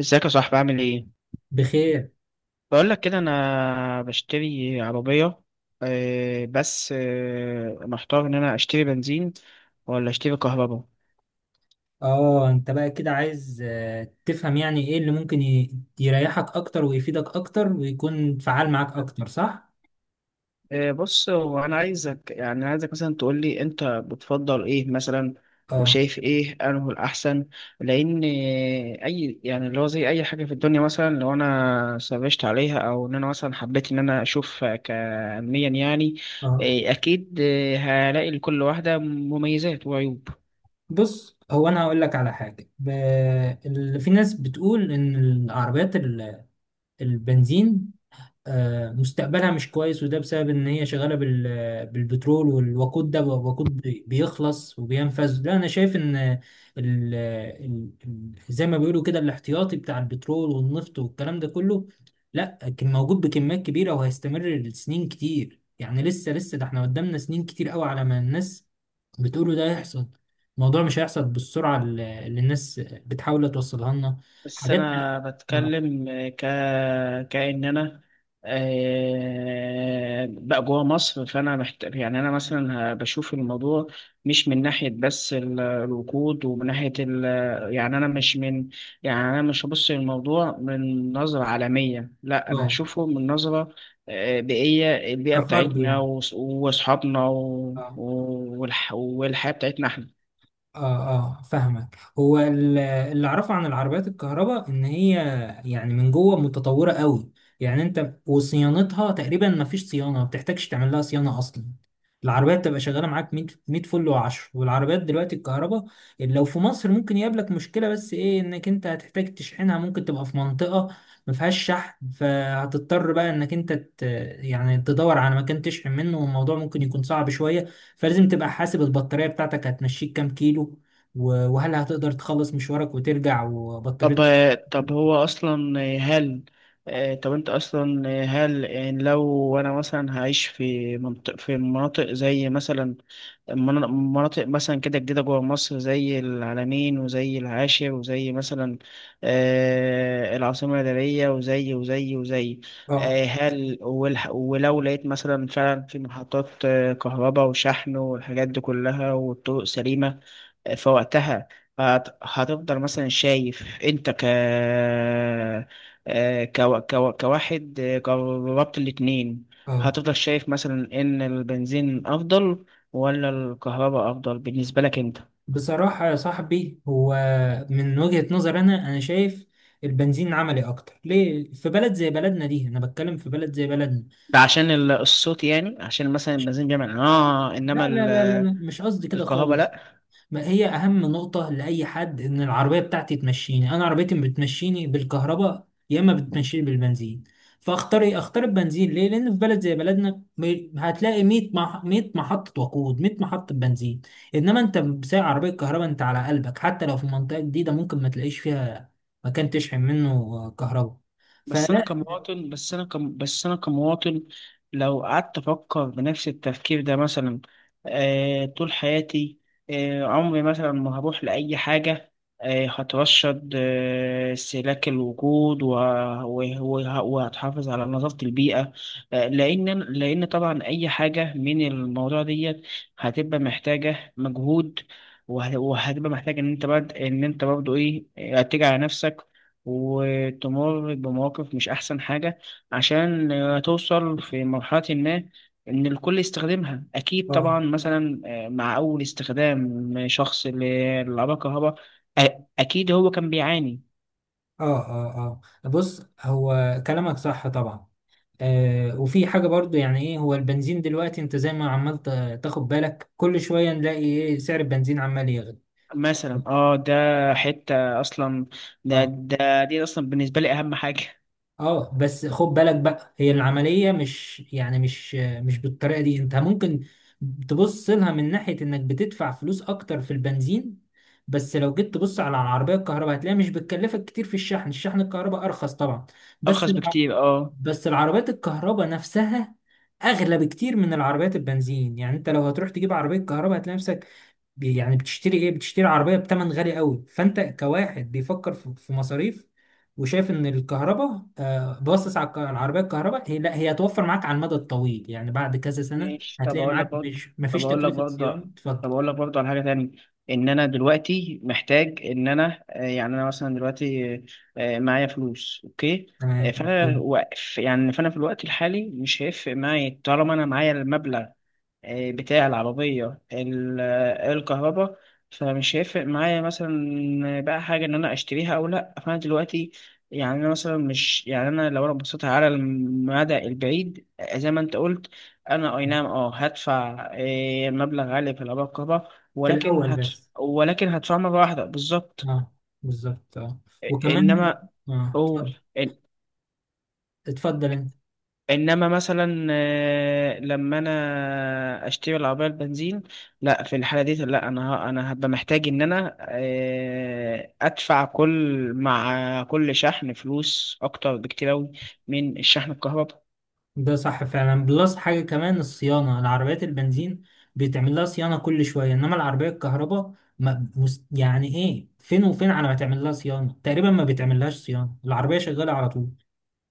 ازيك يا صاحبي، عامل ايه؟ بخير. بقول لك كده، انا بشتري عربيه. بس محتار ان انا اشتري بنزين ولا اشتري كهرباء؟ اه، انت بقى كده عايز تفهم يعني ايه اللي ممكن يريحك اكتر ويفيدك اكتر ويكون فعال معاك اكتر، صح؟ بص، هو انا عايزك مثلا تقول لي انت بتفضل ايه مثلا، اه وشايف ايه انه الاحسن؟ لان اي يعني اللي هو زي اي حاجه في الدنيا، مثلا لو انا سرشت عليها او ان انا مثلا حبيت ان انا اشوف كعلميا يعني. اه، اكيد. هلاقي لكل واحده مميزات وعيوب. بص، هو انا هقول لك على حاجه اللي في ناس بتقول ان العربيات البنزين مستقبلها مش كويس، وده بسبب ان هي شغاله بالبترول والوقود. ده وقود بيخلص وبينفذ. لا، انا شايف ان ال ال زي ما بيقولوا كده الاحتياطي بتاع البترول والنفط والكلام ده كله لا كان موجود بكميات كبيره، وهيستمر لسنين كتير. يعني لسه لسه، ده احنا قدامنا سنين كتير قوي على ما الناس بتقولوا ده هيحصل. الموضوع مش هيحصل بالسرعه اللي الناس بتحاول توصلها لنا. بس حاجات. انا اه. بتكلم ك كأن انا بقى جوه مصر، فانا محتاج يعني انا مثلا بشوف الموضوع، مش من ناحيه بس الوقود ومن ناحيه يعني انا مش من. يعني انا مش هبص للموضوع من نظره عالميه، لا انا آه، هشوفه من نظره بيئيه، البيئه كفرد بتاعتنا يعني. واصحابنا والحياه بتاعتنا احنا. اه اه، فاهمك. هو اللي اعرفه عن العربيات الكهرباء ان هي يعني من جوه متطوره قوي. يعني انت وصيانتها، تقريبا ما فيش صيانه، ما بتحتاجش تعمل لها صيانه اصلا. العربية بتبقى شغالة معاك 100 100 فل و10. والعربيات دلوقتي الكهرباء لو في مصر ممكن يقابلك مشكلة، بس ايه؟ انك انت هتحتاج تشحنها. ممكن تبقى في منطقة ما فيهاش شحن، فهتضطر بقى انك انت يعني تدور على مكان تشحن منه، والموضوع ممكن يكون صعب شوية. فلازم تبقى حاسب البطارية بتاعتك هتمشيك كام كيلو، وهل هتقدر تخلص مشوارك وترجع طب وبطاريتك. طب هو اصلا هل طب انت اصلا هل يعني لو انا مثلا هعيش في مناطق زي مثلا مناطق مثلا كده جديده جوه مصر، زي العلمين وزي العاشر وزي مثلا العاصمه الاداريه وزي اه هل ولو لقيت مثلا فعلا في محطات كهرباء وشحن والحاجات دي كلها والطرق سليمه، فوقتها هتفضل مثلا شايف انت كواحد جربت الاتنين، اه. هتفضل شايف مثلا ان البنزين افضل ولا الكهرباء افضل بالنسبة لك انت؟ بصراحة يا صاحبي، هو من وجهة نظر أنا شايف البنزين عملي أكتر. ليه؟ في بلد زي بلدنا دي، أنا بتكلم في بلد زي بلدنا. ده عشان الصوت، يعني عشان مثلا البنزين بيعمل اه، انما لا لا لا لا، لا. مش قصدي كده الكهرباء خالص. لا. ما هي اهم نقطة لأي حد ان العربية بتاعتي تمشيني. انا عربيتي بتمشيني بالكهرباء يا اما بتمشيني بالبنزين. فاختار ايه؟ اختار البنزين. ليه؟ لان في بلد زي بلدنا هتلاقي 100 100 محطة وقود، 100 محطة بنزين. انما انت بسايق عربية كهرباء انت على قلبك، حتى لو في منطقة جديدة ممكن ما تلاقيش فيها مكان تشحن منه كهرباء. فلا. بس انا كمواطن لو قعدت افكر بنفس التفكير ده مثلا طول حياتي، عمري مثلا ما هروح لاي حاجه. هترشد استهلاك الوجود وهتحافظ على نظافه البيئه. لان طبعا اي حاجه من الموضوع ديت هتبقى محتاجه مجهود، وهتبقى محتاج ان انت بعد ان انت برضه ايه تيجي على نفسك وتمر بمواقف مش أحسن حاجة، عشان توصل في مرحلة ما إن الكل يستخدمها. أكيد اه طبعا مثلا مع أول استخدام شخص للعربية الكهرباء أ- أكيد هو كان بيعاني. اه اه اه، بص، هو كلامك صح طبعا. وفي حاجة برضو، يعني ايه؟ هو البنزين دلوقتي، انت زي ما عمال تاخد بالك، كل شوية نلاقي ايه؟ سعر البنزين عمال يغلى. مثلا اه ده حتة أصلا، ده اه ده دي أصلا بالنسبة لي أهم حاجة. اه، بس خد بالك بقى، هي العملية مش يعني مش مش بالطريقة دي. انت ممكن تبص لها من ناحية انك بتدفع فلوس اكتر في البنزين، بس لو جيت تبص على العربية الكهرباء هتلاقيها مش بتكلفك كتير في الشحن. الشحن الكهرباء ارخص طبعا، بس. أرخص بكتير اه. العربيات الكهرباء نفسها اغلى بكتير من العربيات البنزين. يعني انت لو هتروح تجيب عربيه كهرباء هتلاقي نفسك يعني بتشتري ايه؟ بتشتري عربيه بتمن غالي قوي. فانت كواحد بيفكر في مصاريف وشايف ان الكهرباء، باصص على العربيه الكهرباء، هي لا، هي هتوفر معاك على المدى الطويل. يعني بعد كذا سنه ماشي. هتلاقي معاك مش طب مفيش اقول لك تكلفه برضه صيانه. اتفضل. طب اقول لك برضه على حاجه تانية، ان انا دلوقتي محتاج ان انا يعني انا مثلا دلوقتي، معايا فلوس. اوكي. تمام. فانا إيه؟ واقف، يعني فانا في الوقت الحالي مش هيفرق معايا طالما انا معايا المبلغ بتاع العربية الكهرباء. فمش هيفرق معايا مثلا بقى حاجة إن أنا أشتريها أو لأ، فأنا دلوقتي يعني أنا مثلا مش، يعني أنا لو أنا بصيت على المدى البعيد زي ما أنت قلت، أنا أي نعم هدفع مبلغ عالي في العربية الكهرباء، في الاول بس. ولكن هدفع مرة واحدة بالظبط. اه، بالظبط. اه، وكمان. إنما اه، أوه. اتفضل. اتفضل انت. انما مثلا لما انا اشتري العربيه البنزين، لا في الحاله دي، لا انا انا هبقى محتاج ان انا ادفع مع كل شحن فلوس اكتر بكتير اوي من الشحن الكهرباء. ده صح فعلا. بلس حاجة كمان، الصيانة، العربيات البنزين بيتعمل لها صيانة كل شوية، إنما العربية الكهرباء ما مس... يعني إيه؟ فين وفين على ما تعمل لها صيانة. تقريبا ما بيتعمل لهاش صيانة، العربية شغالة على طول.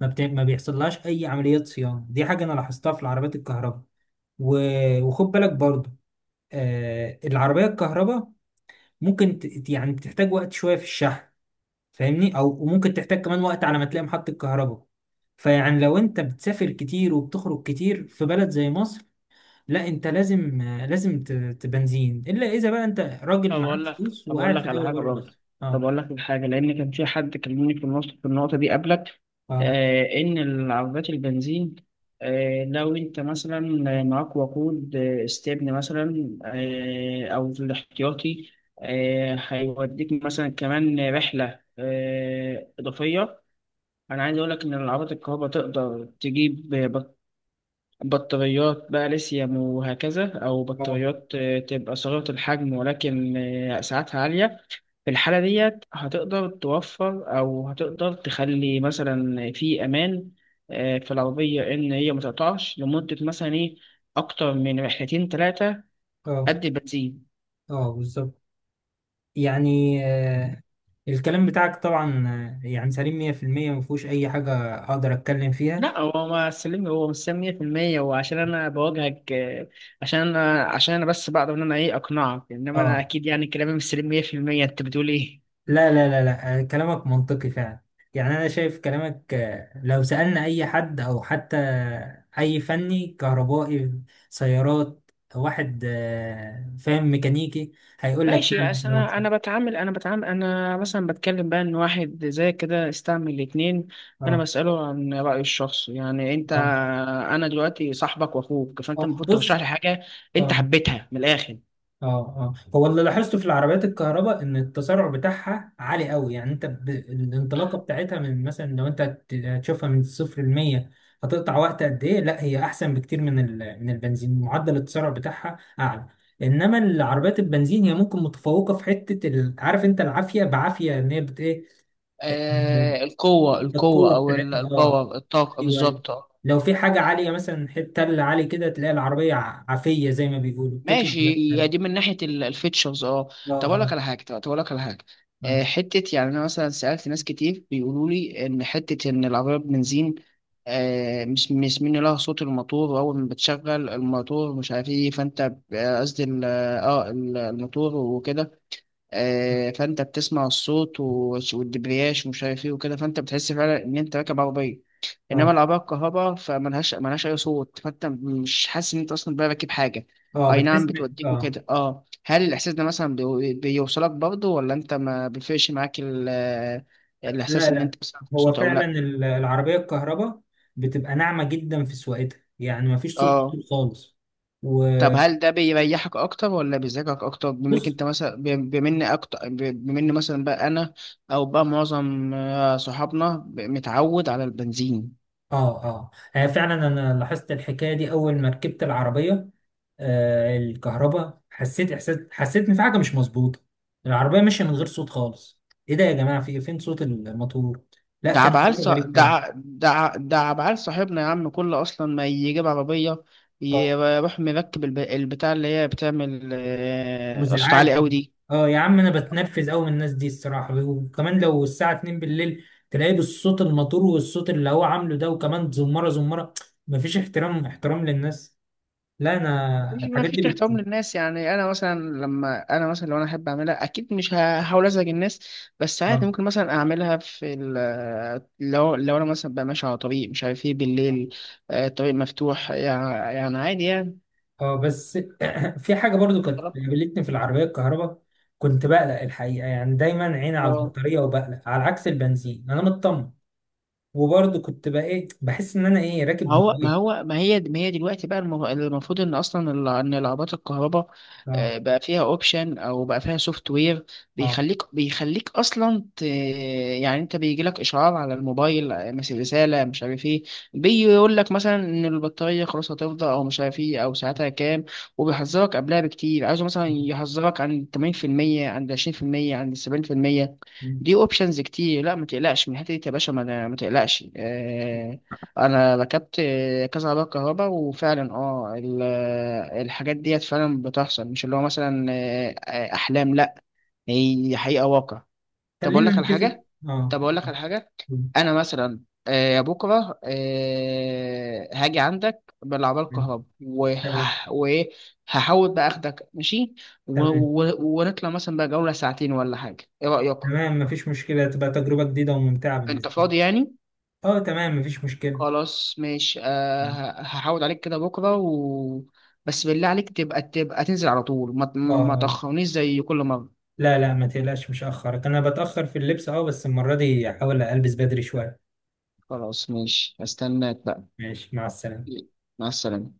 ما بيحصل لهاش أي عمليات صيانة. دي حاجة أنا لاحظتها في العربيات الكهرباء. و... وخد بالك برضه. العربية الكهرباء ممكن يعني بتحتاج وقت شوية في الشحن، فاهمني؟ او وممكن تحتاج كمان وقت على ما تلاقي محطة كهرباء. فيعني لو انت بتسافر كتير وبتخرج كتير في بلد زي مصر، لا، انت لازم لازم تبنزين، الا اذا بقى انت راجل معاك فلوس طب أقول وقاعد لك في على دولة حاجة بره برضه. مصر. طب اه أقول لك على حاجة، لأن كان في حد كلمني في النقطة دي قبلك، اه إن العربيات البنزين، لو أنت مثلا معاك وقود استبن مثلا، أو في الاحتياطي، هيوديك مثلا كمان رحلة إضافية. أنا عايز أقول لك إن العربيات الكهرباء تقدر تجيب بطاريات بقى ليثيوم وهكذا، أو اه بطاريات تبقى صغيرة الحجم، ولكن سعتها عالية. في الحالة ديت هتقدر توفر، أو هتقدر تخلي مثلا في أمان في العربية، إن هي متقطعش لمدة مثلا إيه أكتر من رحلتين تلاتة اه قد البنزين. اه، بالظبط. يعني الكلام بتاعك طبعا يعني سليم 100%. ما فيهوش اي حاجة اقدر اتكلم فيها. لا، هو ما سلمي، هو مش سلم 100%، هو عشان انا بواجهك، عشان انا بس بقدر ان انا ايه اقنعك. انما انا اه. اكيد يعني كلامي مش سليم 100%، انت بتقول ايه؟ لا لا لا لا، كلامك منطقي فعلا. يعني أنا شايف كلامك، لو سألنا أي حد أو حتى أي فني كهربائي سيارات، واحد فاهم ميكانيكي، هيقول لك ماشي. فعلا أصل كلامك صح. انا بتعامل انا مثلا بتكلم بقى ان واحد زي كده استعمل الاتنين، فانا اه بساله عن رايه الشخصي، يعني انت، اه، انا دلوقتي صاحبك واخوك فانت المفروض بص. ترشح لي حاجه انت اه حبيتها من الاخر. اه اه، هو اللي لاحظته في العربيات الكهرباء ان التسارع بتاعها عالي قوي. يعني انت الانطلاقه بتاعتها، من مثلا لو انت هتشوفها من الصفر ل 100 هتقطع وقت قد ايه. لا، هي احسن بكتير من من البنزين. معدل التسارع بتاعها اعلى. انما العربيات البنزين، هي ممكن متفوقه في حته عارف انت العافيه، بعافيه ان هي بت ايه؟ ال- القوه القوه القوه او بتاعتها، اه. الباور، الطاقه ايوه، أيوة. بالظبط. لو في حاجه عاليه مثلا، حته تل عالي كده، تلاقي العربيه عافيه زي ما بيقولوا بتطلع. ماشي. هي اه دي من ناحيه الفيتشرز اه. اه، طب اقول لك على حاجه، آه. حته يعني انا مثلا سالت ناس كتير بيقولوا لي ان حته ان العربيه بنزين مش من لها صوت الموتور، واول ما بتشغل الموتور مش عارف ايه، فانت قصدي اه الموتور وكده، فانت بتسمع الصوت والدبرياج ومش عارف ايه وكده، فانت بتحس فعلا ان انت راكب عربيه. انما اه العربيه الكهرباء فملهاش اي صوت، فانت مش حاسس ان انت اصلا بقى راكب حاجه. اه، اي نعم بتحس ان بتوديك اه. وكده اه، هل الاحساس ده مثلا بيوصلك برضه، ولا انت ما بيفرقش معاك لا الاحساس ان انت لا، بتسمع هو صوت او فعلا لا؟ العربيه الكهرباء بتبقى ناعمه جدا في سواقتها. يعني ما فيش صوت اه كتير خالص. طب، وبص. هل ده بيريحك اكتر ولا بيزعجك اكتر، بما انك انت مثلا بما إن مثلا بقى انا او بقى معظم صحابنا متعود على البنزين. اه اه، فعلا انا لاحظت الحكايه دي اول ما ركبت العربيه الكهرباء. حسيت احساس، حسيت ان في حاجه مش مظبوطه. العربيه ماشيه من غير صوت خالص. ايه ده يا جماعه؟ في فين صوت الموتور؟ لا، ده كان عبعال تجربة ص... غريب ده فعلا. ع- ده ع- ده عبعال صاحبنا يا عم، كله اصلا ما يجيب عربيه اه، يروح مركب البتاع اللي هي بتعمل صوت وازعاج. عالي قوي دي. اه يا عم، انا بتنرفز قوي من الناس دي الصراحه. وكمان لو الساعه 2 بالليل تلاقيه بالصوت الموتور والصوت اللي هو عامله ده، وكمان زمره زمره. مفيش احترام، احترام للناس. لا، انا مش ما الحاجات فيش دي احترام بت. للناس. يعني انا مثلا لو انا احب اعملها اكيد مش هحاول ازعج الناس، بس عادي اه. ممكن مثلا اعملها في لو انا مثلا بقى ماشي على طريق مش عارف ايه بالليل، طريق مفتوح يعني، عادي يعني. بس في حاجه برضو كانت قابلتني في العربيه الكهرباء، كنت بقلق الحقيقه. يعني دايما عيني على طالما- البطاريه وبقلق، على عكس البنزين انا مطمن. وبرضو كنت بقى ايه؟ بحس ان انا ايه؟ راكب ما هو ما موبايل. هو ما هي دلوقتي بقى المفروض ان اصلا ان لعبات الكهرباء اه بقى فيها اوبشن او بقى فيها سوفت وير اه. بيخليك اصلا يعني انت بيجي لك اشعار على الموبايل، مثل رساله مش عارف ايه، بيقول لك مثلا ان البطاريه خلاص هتفضى، او مش عارف ايه، او ساعتها كام. وبيحذرك قبلها بكتير، عايزه مثلا يحذرك عن 80%، عند 20%، عند 70%. دي اوبشنز كتير. لا ما تقلقش من الحته دي يا باشا، ما تقلقش. انا ركبت كذا عربيه كهرباء، وفعلا اه الحاجات ديت فعلا بتحصل، مش اللي هو مثلا احلام، لا هي حقيقه واقع. طب اقول خلينا لك على نتفق. حاجه اه. طب اقول لك على حاجه، مم. انا مثلا بكره هاجي عندك بالعربيه مم. الكهرباء تمام. وايه، هحاول بقى اخدك ماشي و- تمام. ونطلع مثلا بقى جوله ساعتين ولا حاجه. ايه رايك؟ تمام، مفيش مشكلة، تبقى تجربة جديدة وممتعة انت بالنسبة لي. فاضي يعني؟ اه، تمام، مفيش مشكلة. خلاص ماشي. مم. هحاول عليك كده بكرة بس بالله عليك، تبقى تنزل على طول، ما اه، ما آه. تأخرنيش زي كل مرة. لا لا، ما تقلقش، مش هأخرك. أنا بتأخر في اللبس، اه، بس المرة دي هحاول ألبس بدري شوية. خلاص ماشي. هستناك بقى. ماشي، مع السلامة. مع السلامة.